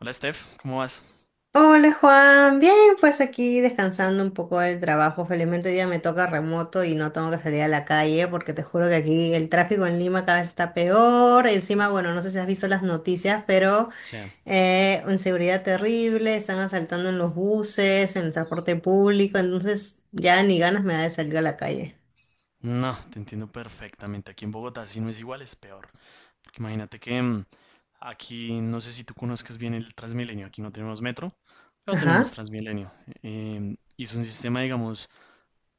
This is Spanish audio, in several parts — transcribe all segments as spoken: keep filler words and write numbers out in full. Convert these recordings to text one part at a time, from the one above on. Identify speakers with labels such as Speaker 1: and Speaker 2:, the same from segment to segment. Speaker 1: Hola Steph, ¿cómo vas? O
Speaker 2: Hola Juan, bien, pues aquí descansando un poco del trabajo. Felizmente hoy día me toca remoto y no tengo que salir a la calle porque te juro que aquí el tráfico en Lima cada vez está peor. Encima, bueno, no sé si has visto las noticias, pero
Speaker 1: sea,
Speaker 2: eh, inseguridad terrible, están asaltando en los buses, en el transporte público, entonces ya ni ganas me da de salir a la calle.
Speaker 1: no, te entiendo perfectamente. Aquí en Bogotá si no es igual, es peor. Porque imagínate que mm, aquí, no sé si tú conozcas bien el Transmilenio, aquí no tenemos metro, pero tenemos
Speaker 2: Ajá.
Speaker 1: Transmilenio. Em, y es un sistema, digamos,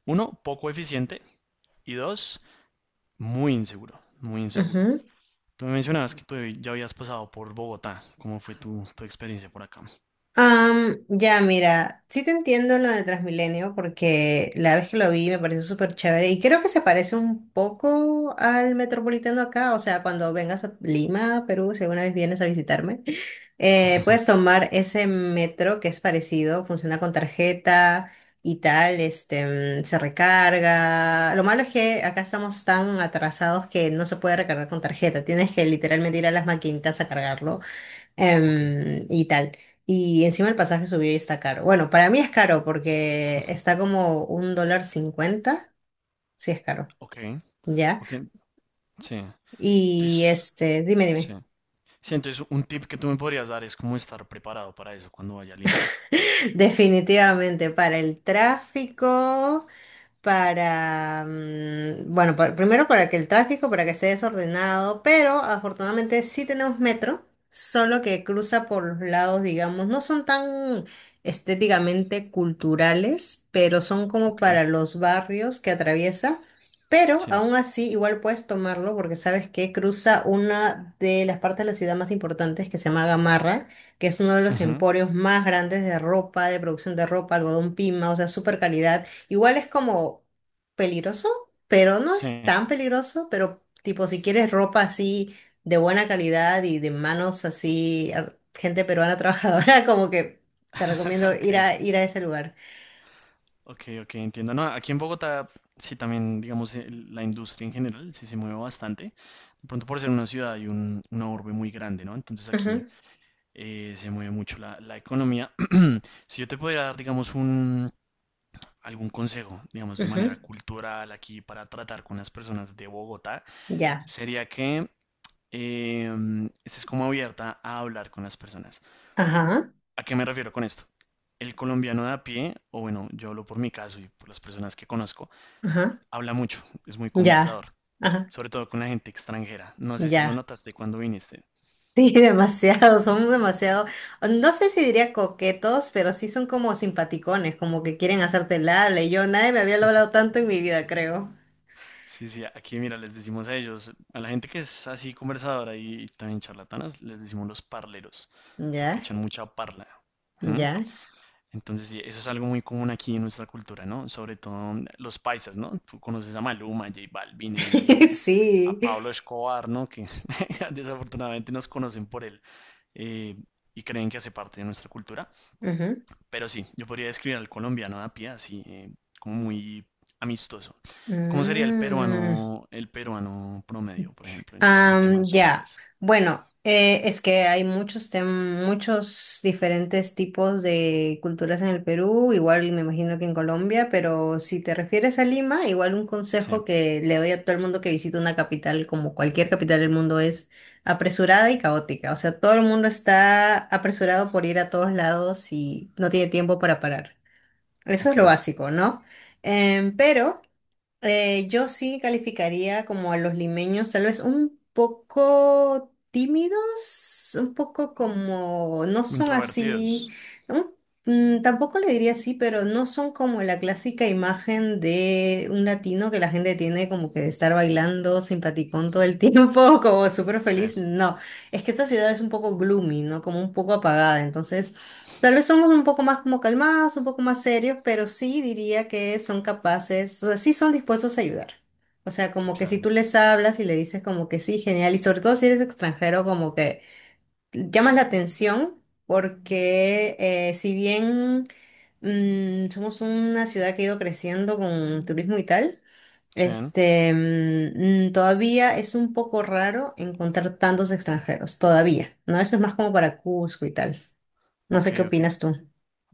Speaker 1: uno, poco eficiente y dos, muy inseguro, muy inseguro. Tú me mencionabas que tú ya habías pasado por Bogotá. ¿Cómo fue tu, tu experiencia por acá?
Speaker 2: Am, ya, mira, sí te entiendo lo de Transmilenio porque la vez que lo vi me pareció súper chévere y creo que se parece un poco al Metropolitano acá, o sea, cuando vengas a Lima, Perú, si alguna vez vienes a visitarme, eh, puedes tomar ese metro que es parecido, funciona con tarjeta y tal, este, mm, se recarga. Lo malo es que acá estamos tan atrasados que no se puede recargar con tarjeta, tienes que literalmente ir a las maquinitas a cargarlo.
Speaker 1: Ok,
Speaker 2: Em, y tal. Y encima el pasaje subió y está caro. Bueno, para mí es caro porque está como un dólar cincuenta. Sí, es caro.
Speaker 1: ok,
Speaker 2: Ya.
Speaker 1: ok, sí. Entonces,
Speaker 2: Y este, dime,
Speaker 1: sí.
Speaker 2: dime.
Speaker 1: Sí, entonces un tip que tú me podrías dar es cómo estar preparado para eso cuando vaya a Lima.
Speaker 2: Definitivamente, para el tráfico. Para, mm, bueno, pa- Primero para que el tráfico, para que esté desordenado, pero afortunadamente sí tenemos metro, solo que cruza por los lados, digamos, no son tan estéticamente culturales, pero son como
Speaker 1: Ok,
Speaker 2: para los barrios que atraviesa. Pero
Speaker 1: sí.
Speaker 2: aún así, igual puedes tomarlo porque sabes que cruza una de las partes de la ciudad más importantes que se llama Gamarra, que es uno de los
Speaker 1: Ujú.
Speaker 2: emporios más grandes de ropa, de producción de ropa, algodón pima, o sea, super calidad. Igual es como peligroso, pero no es
Speaker 1: Sí,
Speaker 2: tan peligroso, pero tipo si quieres ropa así de buena calidad y de manos así, ar- gente peruana trabajadora, como que te recomiendo ir
Speaker 1: ok,
Speaker 2: a, ir a ese lugar.
Speaker 1: ok, ok, entiendo. No, aquí en Bogotá, sí, también, digamos, el- la industria en general sí se mueve bastante. De pronto por ser una ciudad y un, una urbe muy grande, ¿no? Entonces aquí
Speaker 2: Ujú,
Speaker 1: eh, se mueve mucho la, la economía. Si yo te pudiera dar, digamos, un, algún consejo, digamos, de
Speaker 2: ujú.
Speaker 1: manera cultural aquí para tratar con las personas de Bogotá,
Speaker 2: Ya.
Speaker 1: sería que em, es como abierta a hablar con las personas.
Speaker 2: Ajá,
Speaker 1: ¿A qué me refiero con esto? El colombiano de a pie, o bueno, yo hablo por mi caso y por las personas que conozco,
Speaker 2: ajá,
Speaker 1: habla mucho, es muy
Speaker 2: ya,
Speaker 1: conversador,
Speaker 2: ajá,
Speaker 1: sobre todo con la gente extranjera. No sé si lo
Speaker 2: ya.
Speaker 1: notaste cuando viniste.
Speaker 2: Sí, demasiado, son demasiado, no sé si diría coquetos, pero sí son como simpaticones, como que quieren hacerte el habla, y yo nadie me había hablado tanto en mi vida, creo.
Speaker 1: Sí, sí, aquí mira, les decimos a ellos, a la gente que es así conversadora y también charlatanas, les decimos los parleros,
Speaker 2: Ya,
Speaker 1: porque echan mucha parla. ¿Mm?
Speaker 2: ya.
Speaker 1: Entonces, sí, eso es algo muy común aquí en nuestra cultura, ¿no? Sobre todo mm, los paisas, ¿no? Tú conoces a Maluma, a J Balvin, eh, a
Speaker 2: Sí.
Speaker 1: Pablo Escobar, ¿no? Que desafortunadamente nos conocen por él eh, y creen que hace parte de nuestra cultura.
Speaker 2: Ujú.
Speaker 1: Pero sí, yo podría describir al colombiano a pie así, eh, como muy amistoso. ¿Cómo sería el
Speaker 2: Mm.
Speaker 1: peruano, el peruano promedio, por ejemplo, en, en temas
Speaker 2: Am, ya.
Speaker 1: sociales?
Speaker 2: Bueno, eh, es que hay muchos tem- muchos diferentes tipos de culturas en el Perú, igual me imagino que en Colombia, pero si te refieres a Lima, igual un
Speaker 1: Sí,
Speaker 2: consejo que le doy a todo el mundo que visita una capital, como cualquier capital del mundo, es apresurada y caótica. O sea, todo el mundo está apresurado por ir a todos lados y no tiene tiempo para parar. Eso es
Speaker 1: ok.
Speaker 2: lo básico, ¿no? Em, pero Eh, yo sí calificaría como a los limeños, tal vez un poco tímidos, un poco como, no son así,
Speaker 1: Introvertidos.
Speaker 2: un- mm, tampoco le diría así, pero no son como la clásica imagen de un latino que la gente tiene como que de estar bailando simpaticón todo el tiempo, como súper
Speaker 1: Sí,
Speaker 2: feliz. No, es que esta ciudad es un poco gloomy, ¿no? Como un poco apagada, entonces... Tal vez somos un poco más como calmados, un poco más serios, pero sí diría que son capaces, o sea, sí son dispuestos a ayudar. O sea, como que si tú
Speaker 1: claro.
Speaker 2: les hablas y le dices como que sí, genial, y sobre todo si eres extranjero, como que llamas la atención porque eh, si bien mm, somos una ciudad que ha ido creciendo con turismo y tal,
Speaker 1: Sí,
Speaker 2: este, mm, mm, todavía es un poco raro encontrar tantos extranjeros, todavía, ¿no? Eso es más como para Cusco y tal. No
Speaker 1: ok,
Speaker 2: sé qué
Speaker 1: ok.
Speaker 2: opinas tú.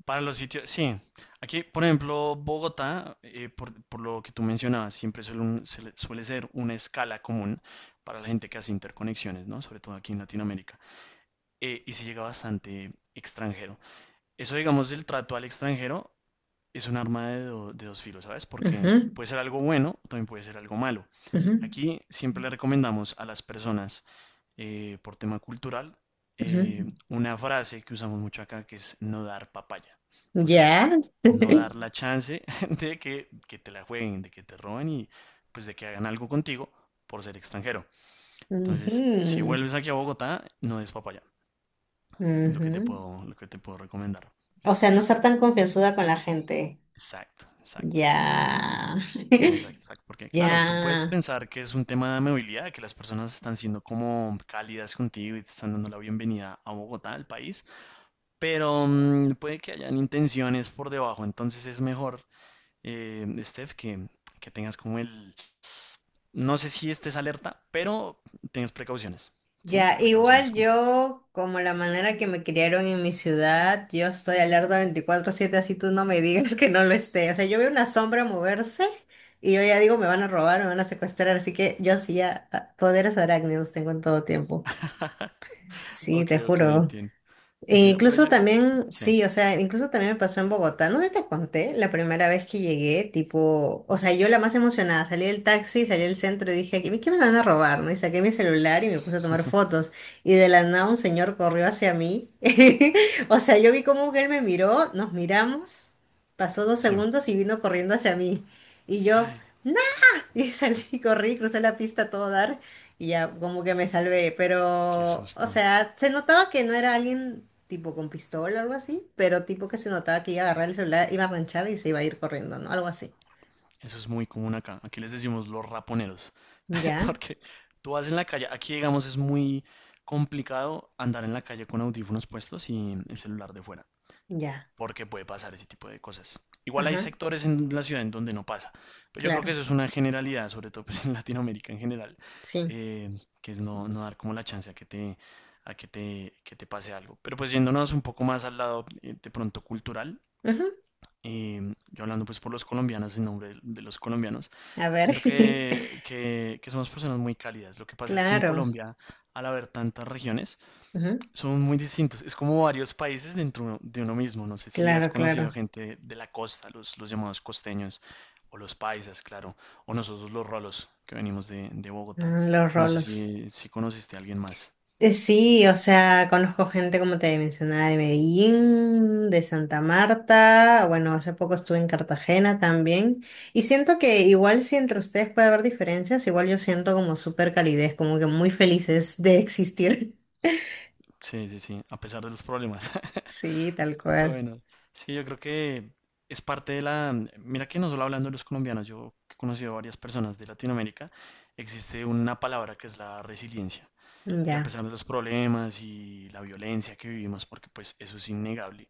Speaker 1: Para los sitios, sí. Aquí, por ejemplo, Bogotá, eh, por, por lo que tú mencionabas, siempre suele, un- se le- suele ser una escala común para la gente que hace interconexiones, ¿no? Sobre todo aquí en Latinoamérica. Eh, y se llega bastante extranjero. Eso, digamos, del trato al extranjero es un arma de, do- de dos filos, ¿sabes?
Speaker 2: Ajá,
Speaker 1: Porque puede ser algo bueno, también puede ser algo malo.
Speaker 2: ajá,
Speaker 1: Aquí siempre le recomendamos a las personas eh, por tema cultural,
Speaker 2: ajá.
Speaker 1: eh, una frase que usamos mucho acá que es no dar papaya. O sea,
Speaker 2: Ya.
Speaker 1: no dar
Speaker 2: Ujú,
Speaker 1: la chance de que, que te la jueguen, de que te roben y pues de que hagan algo contigo por ser extranjero. Entonces, si vuelves aquí a Bogotá, no es papaya. Lo que te
Speaker 2: ujú.
Speaker 1: puedo, lo que te puedo recomendar.
Speaker 2: O sea, no ser tan confianzuda con la gente.
Speaker 1: Exacto, exacto.
Speaker 2: Ya.
Speaker 1: Exacto, exacto. Porque, claro, tú puedes
Speaker 2: Ya.
Speaker 1: pensar que es un tema de amabilidad, que las personas están siendo como cálidas contigo y te están dando la bienvenida a Bogotá, al país. Pero mm, puede que hayan intenciones por debajo, entonces es mejor, eh, Steph, que, que tengas como el... No sé si estés alerta, pero tengas precauciones, ¿sí?
Speaker 2: Ya.
Speaker 1: Precauciones
Speaker 2: Igual
Speaker 1: como tal.
Speaker 2: yo, como la manera que me criaron en mi ciudad, yo estoy alerta veinticuatro siete así tú no me digas que no lo esté. O sea, yo veo una sombra moverse y yo ya digo, me van a robar, me van a secuestrar, así que yo sí ya ah, poderes arácnidos tengo en todo tiempo. Sí,
Speaker 1: Ok,
Speaker 2: te
Speaker 1: ok,
Speaker 2: juro.
Speaker 1: entiendo.
Speaker 2: E
Speaker 1: Entiendo, pero
Speaker 2: incluso
Speaker 1: yo...
Speaker 2: también,
Speaker 1: Sí,
Speaker 2: sí, o sea, incluso también me pasó en Bogotá. No sé, si te conté la primera vez que llegué, tipo, o sea, yo la más emocionada, salí del taxi, salí del centro y dije, ¿qué, qué me van a robar? ¿No? Y saqué mi celular y me puse a tomar fotos. Y de la nada un señor corrió hacia mí. O sea, yo vi cómo él me miró, nos miramos, pasó dos
Speaker 1: sí.
Speaker 2: segundos y vino corriendo hacia mí. Y yo,
Speaker 1: Ay,
Speaker 2: no, y salí, corrí, crucé la pista a todo dar y ya como que me salvé.
Speaker 1: qué
Speaker 2: Pero, o
Speaker 1: susto.
Speaker 2: sea, se notaba que no era alguien tipo con pistola o algo así, pero tipo que se notaba que iba a agarrar el celular, iba a ranchar y se iba a ir corriendo, ¿no? Algo así.
Speaker 1: Eso es muy común acá. Aquí les decimos los raponeros.
Speaker 2: Ya,
Speaker 1: Porque tú vas en la calle, aquí digamos es muy complicado andar en la calle con audífonos puestos y el celular de fuera.
Speaker 2: ya.
Speaker 1: Porque puede pasar ese tipo de cosas. Igual hay
Speaker 2: Ajá,
Speaker 1: sectores en la ciudad en donde no pasa, pero yo creo que
Speaker 2: claro,
Speaker 1: eso es una generalidad, sobre todo pues, en Latinoamérica en general,
Speaker 2: sí.
Speaker 1: eh, que es no, no dar como la chance a que te, a que te, que te pase algo. Pero pues yéndonos un poco más al lado eh, de pronto cultural,
Speaker 2: Ujú.
Speaker 1: eh, yo hablando pues por los colombianos, en nombre de, de los colombianos,
Speaker 2: A ver.
Speaker 1: siento que, que, que somos personas muy cálidas. Lo que pasa es que en
Speaker 2: Claro.
Speaker 1: Colombia, al haber tantas regiones,
Speaker 2: Ujú.
Speaker 1: son muy distintos. Es como varios países dentro de uno mismo. No sé si has
Speaker 2: Claro,
Speaker 1: conocido
Speaker 2: claro.
Speaker 1: gente de la costa, los, los llamados costeños, o los paisas, claro, o nosotros los rolos que venimos de, de Bogotá.
Speaker 2: Ah, los
Speaker 1: No sé
Speaker 2: rolos.
Speaker 1: si, si conociste a alguien más.
Speaker 2: Eh, Sí, o sea, conozco gente, como te mencionaba, de Medellín, de Santa Marta, bueno, hace poco estuve en Cartagena también, y siento que igual si entre ustedes puede haber diferencias, igual yo siento como súper calidez, como que muy felices de existir.
Speaker 1: Sí, sí, sí, a pesar de los problemas.
Speaker 2: Sí, tal
Speaker 1: Pero
Speaker 2: cual.
Speaker 1: bueno, sí, yo creo que es parte de la... Mira que no solo hablando de los colombianos, yo he conocido a varias personas de Latinoamérica, existe una palabra que es la resiliencia. Y a
Speaker 2: Ya,
Speaker 1: pesar de los problemas y la violencia que vivimos, porque pues eso es innegable,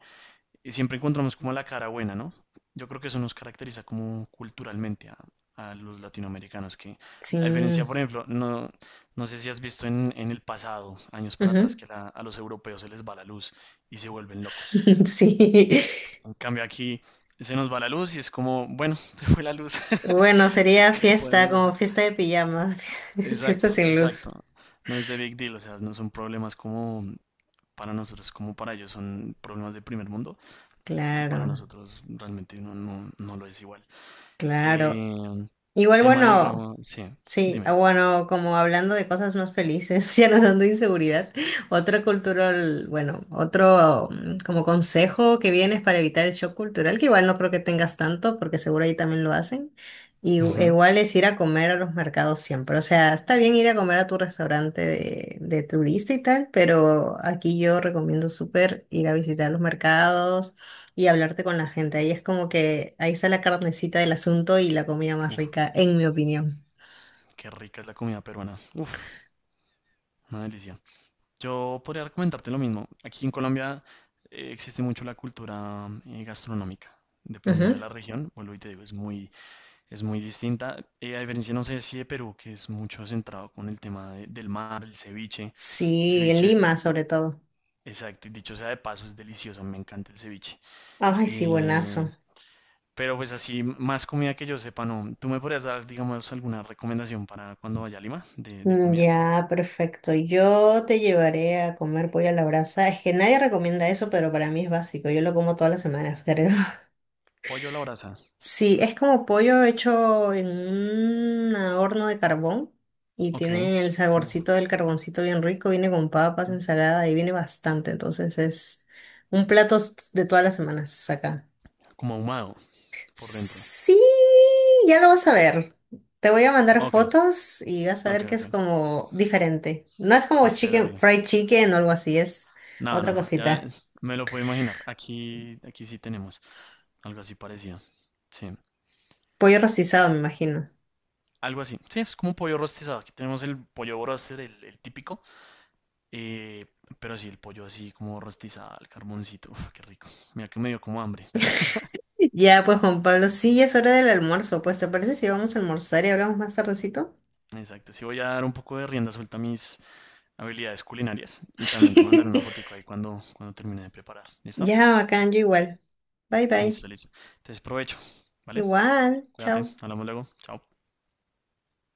Speaker 1: eh, siempre encontramos como la cara buena, ¿no? Yo creo que eso nos caracteriza como culturalmente a, a los latinoamericanos, que
Speaker 2: sí.
Speaker 1: a diferencia, por ejemplo, no, no sé si has visto en, en el pasado, años para atrás,
Speaker 2: Ujú.
Speaker 1: que la- a los europeos se les va la luz y se vuelven locos.
Speaker 2: Sí.
Speaker 1: En cambio aquí se nos va la luz y es como, bueno, se fue la luz,
Speaker 2: Bueno, sería
Speaker 1: ¿qué
Speaker 2: fiesta,
Speaker 1: podemos
Speaker 2: como
Speaker 1: hacer?
Speaker 2: fiesta de pijama, fiesta
Speaker 1: Exacto,
Speaker 2: sin luz.
Speaker 1: exacto. No es de big deal, o sea, no son problemas como para nosotros como para ellos son problemas de primer mundo, para
Speaker 2: Claro,
Speaker 1: nosotros realmente no, no, no lo es igual.
Speaker 2: claro.
Speaker 1: Eh,
Speaker 2: Igual,
Speaker 1: Tema,
Speaker 2: bueno.
Speaker 1: digamos, sí,
Speaker 2: Sí,
Speaker 1: dime.
Speaker 2: ah, bueno, como hablando de cosas más felices, ya no dando inseguridad, otro cultural, bueno, otro mm, como consejo que vienes para evitar el shock cultural, que igual no creo que tengas tanto, porque seguro ahí también lo hacen, y u- e
Speaker 1: Ujú.
Speaker 2: igual es ir a comer a los mercados siempre, o sea, está bien ir a comer a tu restaurante de, de turista y tal, pero aquí yo recomiendo súper ir a visitar los mercados y hablarte con la gente, ahí es como que ahí está la carnecita del asunto y la comida más
Speaker 1: Uf,
Speaker 2: rica, en mi opinión.
Speaker 1: qué rica es la comida peruana. Uf, una delicia. Yo podría recomendarte lo mismo. Aquí en Colombia eh, existe mucho la cultura eh, gastronómica. Dependiendo de
Speaker 2: Ajá.
Speaker 1: la región, vuelvo y te digo, es muy, es muy distinta. Eh, a diferencia, no sé si de Perú, que es mucho centrado con el tema de- del mar, el ceviche. El
Speaker 2: Sí, en
Speaker 1: ceviche
Speaker 2: Lima sobre todo.
Speaker 1: exacto, y dicho sea de paso, es delicioso, me encanta el ceviche.
Speaker 2: Ay, sí,
Speaker 1: Eh,
Speaker 2: buenazo.
Speaker 1: pero pues así, más comida que yo sepa, no. ¿Tú me podrías dar, digamos, alguna recomendación para cuando vaya a Lima de, de
Speaker 2: Mm,
Speaker 1: comida?
Speaker 2: Ya, perfecto. Yo te llevaré a comer pollo a la brasa. Es que nadie recomienda eso, pero para mí es básico. Yo lo como todas las semanas, creo.
Speaker 1: Pollo a la brasa.
Speaker 2: Sí, es como pollo hecho en un horno de carbón y
Speaker 1: Ok.
Speaker 2: tiene el
Speaker 1: Uf,
Speaker 2: saborcito del carboncito bien rico. Viene con papas,
Speaker 1: uf,
Speaker 2: ensalada y viene bastante. Entonces es un plato s- de todas las semanas acá.
Speaker 1: como ahumado por dentro.
Speaker 2: Sí, ya lo vas a ver. Te voy a mandar
Speaker 1: Ok,
Speaker 2: fotos y vas a
Speaker 1: ok,
Speaker 2: ver que es
Speaker 1: ok.
Speaker 2: como diferente. No es como chicken,
Speaker 1: Esperaré.
Speaker 2: fried chicken o algo así, es
Speaker 1: No, no,
Speaker 2: otra
Speaker 1: no. Ya
Speaker 2: cosita.
Speaker 1: me lo puedo imaginar. Aquí, aquí sí tenemos algo así parecido. Sí.
Speaker 2: Pollo rostizado, me imagino.
Speaker 1: Algo así. Sí, es como pollo rostizado. Aquí tenemos el pollo broster, el, el típico. Eh, pero sí, el pollo así como rostizado al carboncito. Uf, qué rico. Mira que me dio como hambre.
Speaker 2: Ya, pues Juan Pablo, sí, ya es hora del almuerzo. Pues, ¿te parece si vamos a almorzar y hablamos más tardecito?
Speaker 1: Exacto. Sí voy a dar un poco de rienda suelta a mis habilidades culinarias. Y también te mandaré una fotico ahí cuando, cuando termine de preparar. ¿Listo?
Speaker 2: Ya, bacán, yo igual. Bye, bye.
Speaker 1: Listo, listo. Entonces provecho. ¿Vale?
Speaker 2: Igual,
Speaker 1: Cuídate.
Speaker 2: chao.
Speaker 1: Hablamos luego. Chao.